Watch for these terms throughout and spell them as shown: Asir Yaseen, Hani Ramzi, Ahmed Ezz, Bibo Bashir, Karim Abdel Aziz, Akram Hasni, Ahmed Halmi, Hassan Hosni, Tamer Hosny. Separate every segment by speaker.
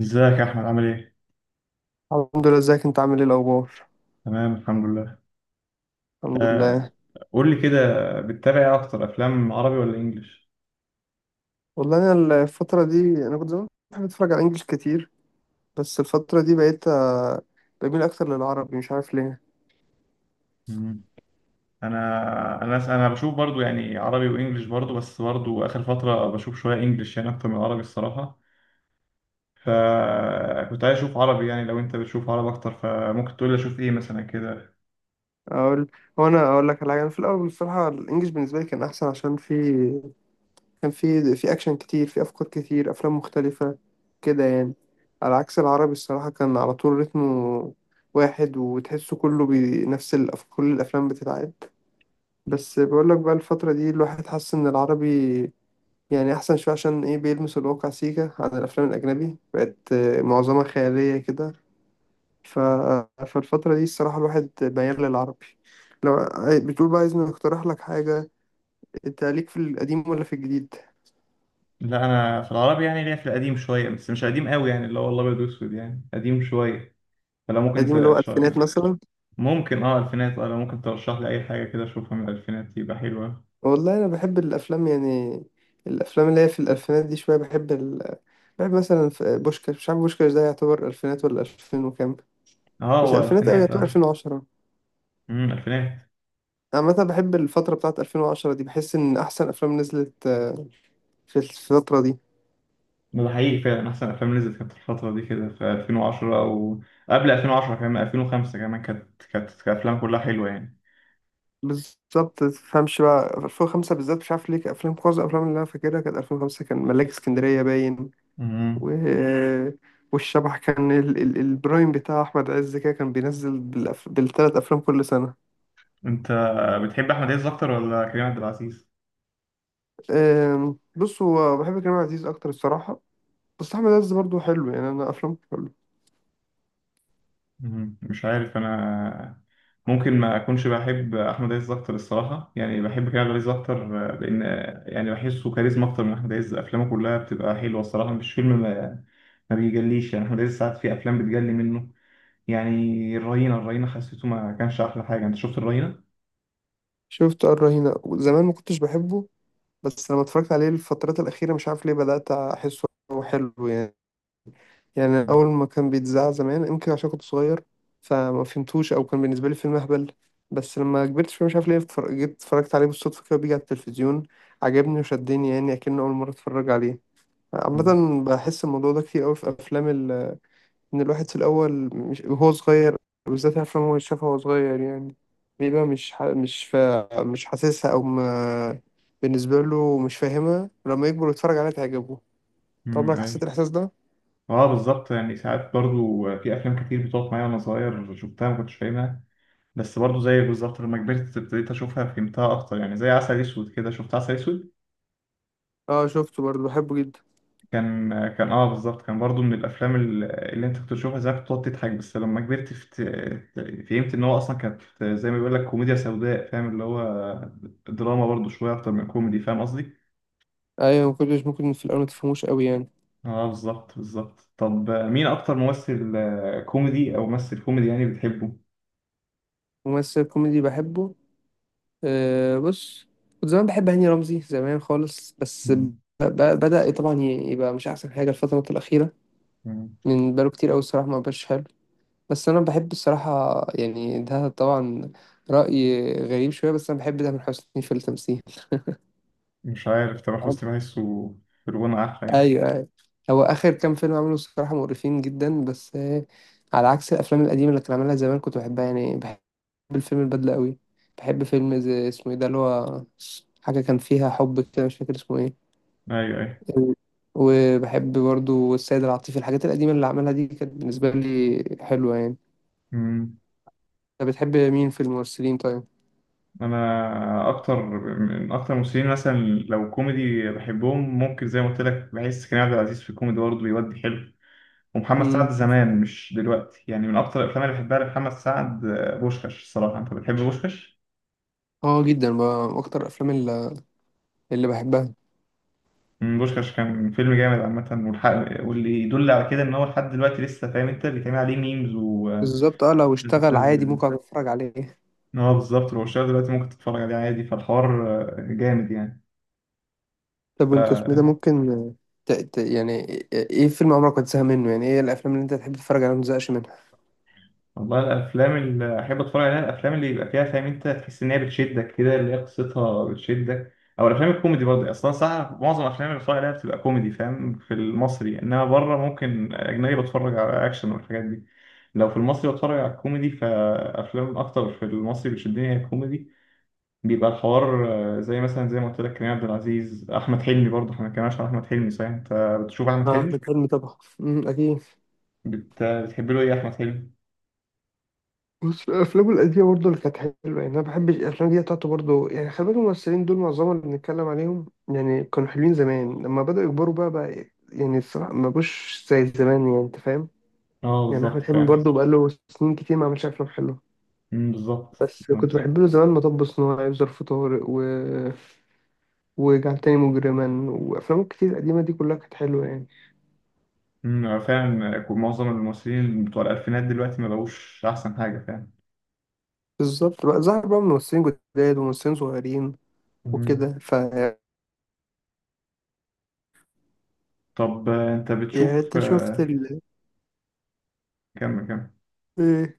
Speaker 1: ازيك يا احمد، عامل ايه؟
Speaker 2: الحمد لله، ازيك انت عامل ايه الاخبار؟
Speaker 1: تمام، الحمد لله.
Speaker 2: الحمد لله.
Speaker 1: آه. قول لي كده. بتتابع ايه اكتر، افلام عربي ولا انجليش؟
Speaker 2: والله انا الفتره دي انا كنت زمان بحب اتفرج على انجلش كتير، بس الفتره دي بقيت بميل اكتر للعربي، مش عارف ليه.
Speaker 1: مم. انا انا بشوف برضو يعني عربي وانجليش برضو، بس برضو اخر فتره بشوف شويه انجليش يعني اكتر من عربي الصراحه. فكنت عايز اشوف عربي، يعني لو انت بتشوف عربي اكتر فممكن تقول لي اشوف ايه مثلا كده.
Speaker 2: اقول هو انا اقول لك على حاجه، انا في الاول بصراحه الانجليش بالنسبه لي كان احسن، عشان في كان في اكشن كتير، في افكار كتير، افلام مختلفه كده يعني. على عكس العربي الصراحه كان على طول رتمه واحد، وتحسه كله بنفس كل الافلام بتتعاد. بس بقول لك بقى، الفتره دي الواحد حس ان العربي يعني أحسن شوية، عشان إيه؟ بيلمس الواقع سيكا، عن الأفلام الأجنبي بقت معظمها خيالية كده. ف... فالفترة دي الصراحة الواحد ميال للعربي. لو بتقول بقى عايزني أقترح لك حاجة، أنت ليك في القديم ولا في الجديد؟
Speaker 1: لا، انا في العربي يعني ليا في القديم شويه، بس مش قديم قوي، يعني اللي هو الابيض واسود، يعني قديم شويه. فلو ممكن
Speaker 2: القديم اللي
Speaker 1: انت
Speaker 2: هو ألفينات مثلا؟
Speaker 1: ممكن الفينات، لو ممكن ترشح لي اي حاجه كده اشوفها من الالفينات يبقى حلوه.
Speaker 2: والله أنا بحب الأفلام يعني، الأفلام اللي هي في الألفينات دي شوية. بحب مثلا في بوشكاش، مش عارف بوشكاش ده يعتبر ألفينات ولا ألفين وكام؟
Speaker 1: اه،
Speaker 2: مش
Speaker 1: هو
Speaker 2: ألفينات أوي،
Speaker 1: الفينات
Speaker 2: يعتبر ألفين وعشرة.
Speaker 1: الفينات.
Speaker 2: أنا مثلا بحب الفترة بتاعت 2010 دي، بحس إن أحسن أفلام نزلت في الفترة دي.
Speaker 1: ده حقيقي فعلا احسن افلام نزلت كانت في الفتره دي كده، في 2010 وقبل 2010 كمان، 2005 كمان كانت افلام كلها حلوه يعني.
Speaker 2: بالظبط، متفهمش بقى 2005 بالذات مش عارف ليه، كان أفلام معظم الأفلام اللي أنا فاكرها كانت 2005، كان ملاك اسكندرية باين و...
Speaker 1: امم.
Speaker 2: والشبح كان البرايم بتاع أحمد عز كده كان بينزل بالتلات أفلام كل سنة.
Speaker 1: انت بتحب احمد عز اكتر ولا كريم عبد العزيز؟
Speaker 2: بص، هو بحب كريم عبد العزيز أكتر الصراحة، بس أحمد عز برضه حلو يعني، أنا أفلامه حلو.
Speaker 1: مش عارف، انا ممكن ما اكونش بحب احمد عز اكتر الصراحه، يعني بحب كريم عبد العزيز اكتر، لان يعني بحسه كاريزما اكتر من احمد عز، افلامه كلها بتبقى حلوه الصراحه، مش فيلم ما بيجليش يعني. احمد عز ساعات في افلام بتجلي منه يعني. الرهينه، الرهينه حسيته ما كانش احلى حاجه، انت شفت الرهينه؟
Speaker 2: شفت الرهينة زمان ما كنتش بحبه، بس لما اتفرجت عليه الفترات الأخيرة مش عارف ليه بدأت أحسه حلو يعني. يعني أول ما كان بيتذاع زمان يمكن عشان كنت صغير، فما فهمتوش، أو كان بالنسبة لي فيلم أهبل. بس لما كبرت شوية مش عارف ليه جيت اتفرجت عليه بالصدفة، كده بيجي على التلفزيون عجبني وشدني يعني، أكنه أول مرة اتفرج عليه. عامة بحس الموضوع ده كتير أوي في أفلام، ان الواحد في الاول مش وهو صغير، بالذات افلام هو شافها وهو صغير يعني، بيبقى مش ح... مش فا... مش حاسسها او ما... بالنسبه له مش فاهمها، لما يكبر ويتفرج عليها تعجبه. طب
Speaker 1: امم،
Speaker 2: عمرك حسيت
Speaker 1: ايوه.
Speaker 2: الاحساس ده؟
Speaker 1: اه بالظبط، يعني ساعات برضو في افلام كتير بتقف معايا وانا صغير شفتها ما كنتش فاهمها، بس برضو زيك بالظبط لما كبرت ابتديت اشوفها فهمتها اكتر، يعني زي عسل اسود كده، شفت عسل اسود؟
Speaker 2: اه شفته برضه بحبه جدا.
Speaker 1: كان كان اه بالظبط، كان برضو من الافلام اللي انت كنت تشوفها زمان كنت تقعد تضحك، بس لما كبرت فهمت ان هو اصلا كانت زي ما بيقول لك كوميديا سوداء، فاهم اللي هو دراما برضو شويه اكتر من كوميدي، فاهم قصدي؟
Speaker 2: ايوه، ما كنتش ممكن في الاول ما تفهموش قوي يعني.
Speaker 1: اه بالظبط بالظبط. طب مين اكتر ممثل كوميدي، او ممثل كوميدي يعني بتحبه؟
Speaker 2: ممثل كوميدي بحبه؟ أه، بص، كنت زمان بحب هاني رمزي زمان خالص، بس
Speaker 1: مم.
Speaker 2: ب- بدأ طبعا يبقى مش احسن حاجه الفتره الاخيره،
Speaker 1: مم.
Speaker 2: من بقاله كتير قوي الصراحه ما بقاش حلو. بس انا بحب الصراحه يعني ده طبعا راي غريب شويه، بس انا بحب تامر حسني في التمثيل.
Speaker 1: مش عارف، تامر
Speaker 2: بحب-
Speaker 1: حسني بحسه في الغنى احلى يعني.
Speaker 2: ايوه ايوه، هو اخر كام فيلم عمله الصراحه مقرفين جدا، بس على عكس الافلام القديمه اللي كان عاملها زمان كنت بحبها يعني، بحب الفيلم البدله قوي. بحب فيلم زي اسمه ايه ده اللي هو حاجه كان فيها حب كده، مش فاكر اسمه ايه.
Speaker 1: ايوه
Speaker 2: وبحب برضو السيد العاطفي، الحاجات القديمه اللي عملها دي كانت بالنسبه لي حلوه يعني.
Speaker 1: ايوه،
Speaker 2: انت بتحب مين في الممثلين؟
Speaker 1: انا اكتر من اكتر الممثلين مثلا، لو كوميدي بحبهم ممكن زي ما قلت لك، بحس كريم عبد العزيز في الكوميدي برضه بيودي حلو، ومحمد سعد
Speaker 2: طيب،
Speaker 1: زمان مش دلوقتي، يعني من اكتر الافلام اللي بحبها لمحمد سعد بوشكاش الصراحه. انت بتحب بوشكاش؟
Speaker 2: اه جدا بقى، اكتر الافلام اللي بحبها،
Speaker 1: بوشكاش كان فيلم جامد عامه والحق، واللي يدل على كده ان هو لحد دلوقتي لسه فاهم انت بيتعمل عليه ميمز وناس
Speaker 2: بالظبط اه، لو اشتغل عادي
Speaker 1: بتنزل،
Speaker 2: ممكن أقعد اتفرج عليه.
Speaker 1: ان هو بالظبط لو شغال دلوقتي ممكن تتفرج عليه عادي، فالحوار جامد
Speaker 2: طب وانت اسمه إيه ده؟
Speaker 1: يعني.
Speaker 2: ممكن يعني ايه فيلم عمرك ما تزهق منه؟ يعني ايه الافلام اللي انت تحب تتفرج عليها ما تزهقش منها؟
Speaker 1: والله الافلام اللي احب اتفرج عليها الافلام اللي يبقى فيها فاهم انت، تحس ان هي بتشدك كده اللي هي قصتها بتشدك، او الافلام الكوميدي برضه. اصلا صح، معظم الافلام اللي بتفرج عليها بتبقى كوميدي فاهم في المصري، انما بره ممكن اجنبي بتفرج على اكشن والحاجات دي، لو في المصري بتفرج على الكوميدي، فافلام اكتر في المصري بتشدني هي الكوميدي، بيبقى الحوار زي مثلا زي ما قلت لك كريم عبد العزيز، احمد حلمي برضه، احنا ما اتكلمناش عن احمد حلمي صحيح، انت بتشوف احمد
Speaker 2: اه
Speaker 1: حلمي؟
Speaker 2: الفيلم طبعا اكيد.
Speaker 1: بتحب له ايه احمد حلمي؟
Speaker 2: بص، الافلام القديمه برضه اللي كانت حلوه يعني، انا بحب الافلام دي بتاعته برضه يعني. خلي بالك، الممثلين دول معظمهم اللي بنتكلم عليهم يعني كانوا حلوين زمان، لما بداوا يكبروا بقى يعني الصراحه ما بقوش زي زمان، يعني انت فاهم.
Speaker 1: اه
Speaker 2: يعني
Speaker 1: بالظبط
Speaker 2: احمد حلمي
Speaker 1: فاهم.
Speaker 2: برضه بقى له سنين كتير ما عملش افلام حلوه،
Speaker 1: أمم، بالظبط.
Speaker 2: بس كنت بحب له زمان مطب صناعي وظرف طارق وجعل تاني مجرما، وأفلامه كتير قديمة دي كلها كانت حلوة يعني.
Speaker 1: فعلا معظم الممثلين بتوع الألفينات دلوقتي ما بقوش أحسن حاجة فعلا.
Speaker 2: بالظبط، بقى ظهر بقى ممثلين جداد وممثلين صغيرين
Speaker 1: مم.
Speaker 2: وكده.
Speaker 1: طب أنت
Speaker 2: يعني
Speaker 1: بتشوف
Speaker 2: أنت شفت
Speaker 1: كم كم
Speaker 2: إيه،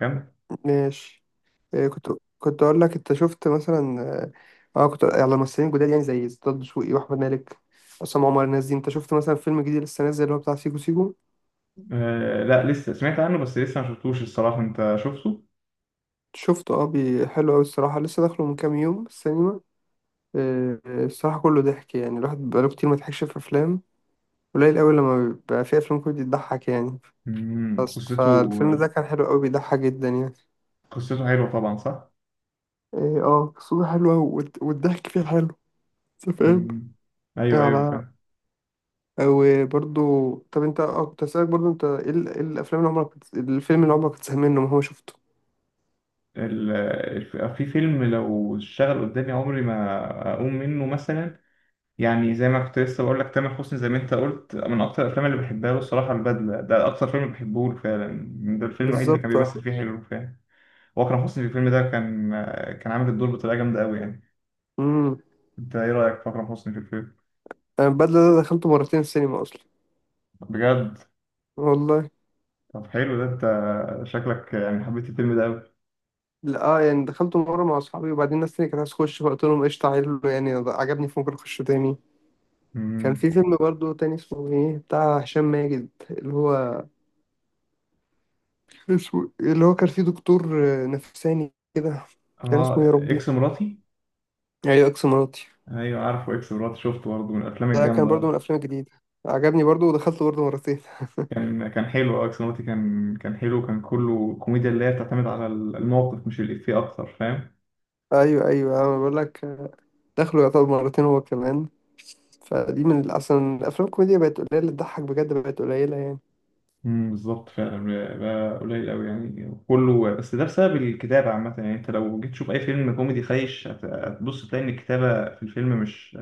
Speaker 1: كم
Speaker 2: ماشي، إيه، كنت كنت أقول لك، أنت شفت مثلا، أه آه، كنت على ممثلين جداد يعني زي ستاد دسوقي وأحمد مالك، عصام عمر، الناس دي. أنت شفت مثلا فيلم جديد لسه نازل اللي هو بتاع سيكو سيكو؟
Speaker 1: آه، لا، لسه سمعت عنه بس لسه ما شفتوش الصراحة، أنت شفته؟
Speaker 2: شفته حلو أوي الصراحة، لسه داخله من كام يوم السينما. الصراحة كله ضحك يعني، الواحد بقاله كتير ما ضحكش في أفلام، قليل أوي لما بيبقى في أفلام كوميدي بتضحك يعني،
Speaker 1: أمم،
Speaker 2: بس فالفيلم
Speaker 1: قصته
Speaker 2: ده كان حلو أوي بيضحك جدا يعني.
Speaker 1: قصته حلوة طبعا صح؟
Speaker 2: إيه، اه قصته حلوة، والضحك فيه حلو، أنت فاهم.
Speaker 1: أمم. أيوه أيوه
Speaker 2: على
Speaker 1: فعلا.
Speaker 2: وبرضو، طب أنت كنت هسألك برضو، أنت إيه الأفلام اللي عمرك الفيلم اللي عمرك كنت زهقان منه ما هو شفته؟
Speaker 1: ال- في فيلم لو اشتغل قدامي عمري ما أقوم منه مثلا، يعني زي ما كنت لسه بقول لك تامر حسني، زي ما انت قلت من اكتر الافلام اللي بحبها له الصراحه البدله، ده اكتر فيلم بحبه له فعلا، ده الفيلم الوحيد اللي كان
Speaker 2: بالظبط اه.
Speaker 1: بيمثل فيه حلو فعلا. واكرم حسني في الفيلم ده كان عامل الدور بطريقه جامده قوي يعني.
Speaker 2: امم
Speaker 1: انت ايه رايك في اكرم حسني في الفيلم؟
Speaker 2: أنا البدلة ده دخلته مرتين السينما أصلا.
Speaker 1: بجد؟
Speaker 2: والله.
Speaker 1: طب حلو، ده انت شكلك يعني حبيت الفيلم ده قوي.
Speaker 2: لا، يعني دخلته مرة مع أصحابي، وبعدين الناس تانية كانت عايزة تخش، فقلت لهم قشطة، عيل يعني عجبني فممكن أخش تاني. كان
Speaker 1: امم.
Speaker 2: في فيلم برضو تاني اسمه ايه بتاع هشام ماجد، اللي هو اسمه، اللي هو كان فيه دكتور نفساني كده، كان
Speaker 1: اه،
Speaker 2: اسمه يا ربي.
Speaker 1: اكس مراتي.
Speaker 2: ايوه اكس مراتي،
Speaker 1: ايوه عارفه اكس مراتي، شفته برضه من الافلام
Speaker 2: ده كان برضو من
Speaker 1: الجامده.
Speaker 2: الافلام الجديدة، عجبني برضو ودخلته برضو مرتين.
Speaker 1: كان حلو، اه اكس مراتي كان حلو، كان كله كوميديا اللي هي بتعتمد على الموقف مش الافيه اكتر، فاهم.
Speaker 2: ايوه ايوه انا بقول لك، دخله يعتبر مرتين هو كمان، فدي من اصلا الافلام الكوميديا بقت قليله، تضحك بجد بقت قليله يعني.
Speaker 1: بالظبط فعلا، بقى قليل قوي يعني كله، بس ده بسبب الكتابة عامة، يعني انت لو جيت تشوف اي فيلم كوميدي خايش هتبص تلاقي ان الكتابة في الفيلم مش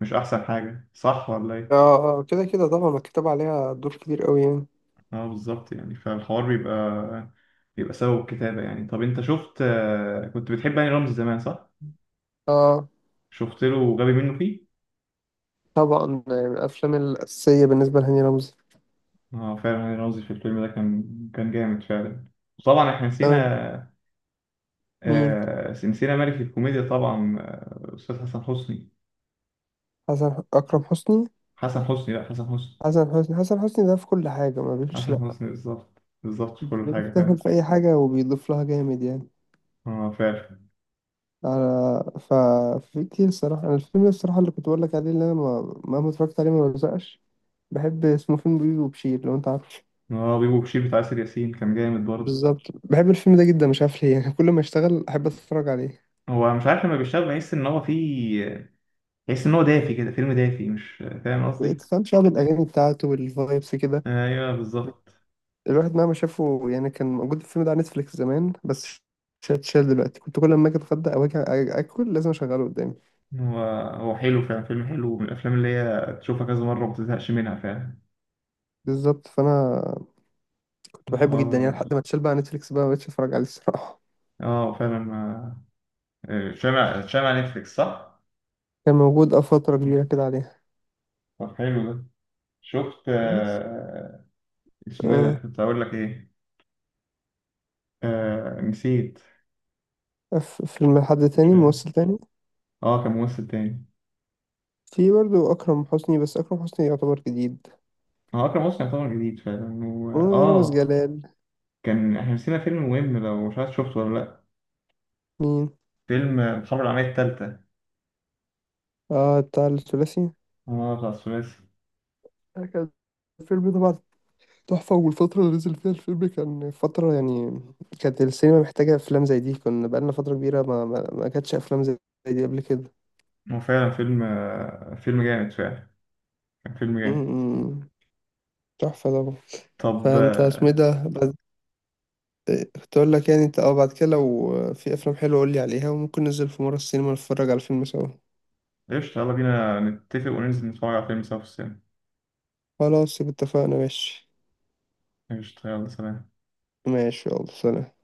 Speaker 1: مش احسن حاجة، صح ولا ايه؟
Speaker 2: اه اه، كده كده طبعا، مكتوب عليها دور كبير قوي يعني.
Speaker 1: اه بالظبط، يعني فالحوار بيبقى سبب الكتابة يعني. طب انت شفت كنت بتحب هاني رمزي زمان صح؟
Speaker 2: اه
Speaker 1: شفت له غبي منه فيه؟
Speaker 2: طبعا، من الافلام الاساسيه بالنسبه لهاني رمزي.
Speaker 1: اه فعلا، هاني رمزي في الفيلم ده كان جامد فعلا. وطبعا احنا
Speaker 2: آه،
Speaker 1: نسينا
Speaker 2: مين؟
Speaker 1: آه، نسينا ملك الكوميديا طبعا، استاذ حسن حسني.
Speaker 2: حسن اكرم حسني
Speaker 1: حسن حسني، لا، حسن حسني.
Speaker 2: حسن حسني حسن حسني ده في كل حاجة ما بيقولش
Speaker 1: حسن
Speaker 2: لأ،
Speaker 1: حسني، بالظبط بالظبط في كل حاجة
Speaker 2: بيفتكر
Speaker 1: فعلا.
Speaker 2: في أي حاجة وبيضيف لها جامد يعني.
Speaker 1: اه فعلا.
Speaker 2: على ف في كتير الصراحة، أنا الفيلم ده الصراحة اللي كنت بقول لك عليه، اللي أنا ما اتفرجت عليه ما بزقش، بحب اسمه فيلم بيبي وبشير، لو أنت عارفه.
Speaker 1: اه، بيبو بشير بتاع آسر ياسين كان جامد برضه.
Speaker 2: بالظبط، بحب الفيلم ده جدا مش عارف ليه يعني، كل ما اشتغل أحب أتفرج عليه.
Speaker 1: هو مش عارف لما بيشتغل، بحس إن هو دافي كده، فيلم دافي، مش فاهم قصدي؟
Speaker 2: كان شعب الأغاني بتاعته والفايبس كده،
Speaker 1: أيوه بالظبط.
Speaker 2: الواحد مهما شافه يعني. كان موجود الفيلم ده على نتفليكس زمان، بس شال دلوقتي. كنت كل ما أجي أتغدى أو أجي آكل لازم أشغله قدامي.
Speaker 1: هو هو حلو فعلا، فيلم حلو من الأفلام اللي هي تشوفها كذا مرة وما تزهقش منها فعلا.
Speaker 2: بالظبط، فانا كنت بحبه جدا يعني
Speaker 1: الحوار
Speaker 2: لحد ما اتشال بقى نتفليكس، بقى مبقتش اتفرج عليه الصراحة.
Speaker 1: اه فعلا، ما شامع نتفليكس صح؟
Speaker 2: كان موجود فترة كبيرة كده عليها،
Speaker 1: طب حلو ده. شفت
Speaker 2: بس
Speaker 1: اسمه ايه ده،
Speaker 2: آه
Speaker 1: كنت هقول لك ايه، نسيت.
Speaker 2: فيلم حد
Speaker 1: مش
Speaker 2: تاني
Speaker 1: عارف.
Speaker 2: ممثل تاني،
Speaker 1: اه كان ممثل تاني.
Speaker 2: في برضه أكرم حسني، بس أكرم حسني يعتبر جديد،
Speaker 1: هو أكرم حسني يعتبر جديد فعلا، و...
Speaker 2: ورامز
Speaker 1: اه
Speaker 2: جلال.
Speaker 1: كان احنا نسينا فيلم مهم، لو مش عارف شفته ولا لأ،
Speaker 2: مين؟
Speaker 1: فيلم الحرب العالمية التالتة.
Speaker 2: اه، بتاع الثلاثي.
Speaker 1: اه، بتاع الثلاثي.
Speaker 2: ده كان الفيلم طبعا تحفة، والفترة اللي نزل فيها الفيلم كان فترة يعني كانت السينما محتاجة أفلام زي دي، كنا بقالنا فترة كبيرة ما كانتش أفلام زي دي قبل كده.
Speaker 1: هو فعلا فيلم جامد فعلا، كان فيلم
Speaker 2: م-
Speaker 1: جامد.
Speaker 2: م- تحفة طبعا.
Speaker 1: طب
Speaker 2: فأنت اسمه إيه ده، كنت اقول لك، يعني انت بعد كده لو في افلام حلوه قول لي عليها، وممكن ننزل في مره السينما نتفرج على فيلم سوا.
Speaker 1: قشطة، يلا بينا نتفق وننزل نتفرج على فيلم سوا في السينما.
Speaker 2: خلاص يبقى اتفقنا، ماشي.
Speaker 1: قشطة، يلا سلام.
Speaker 2: ماشي يلا سلام.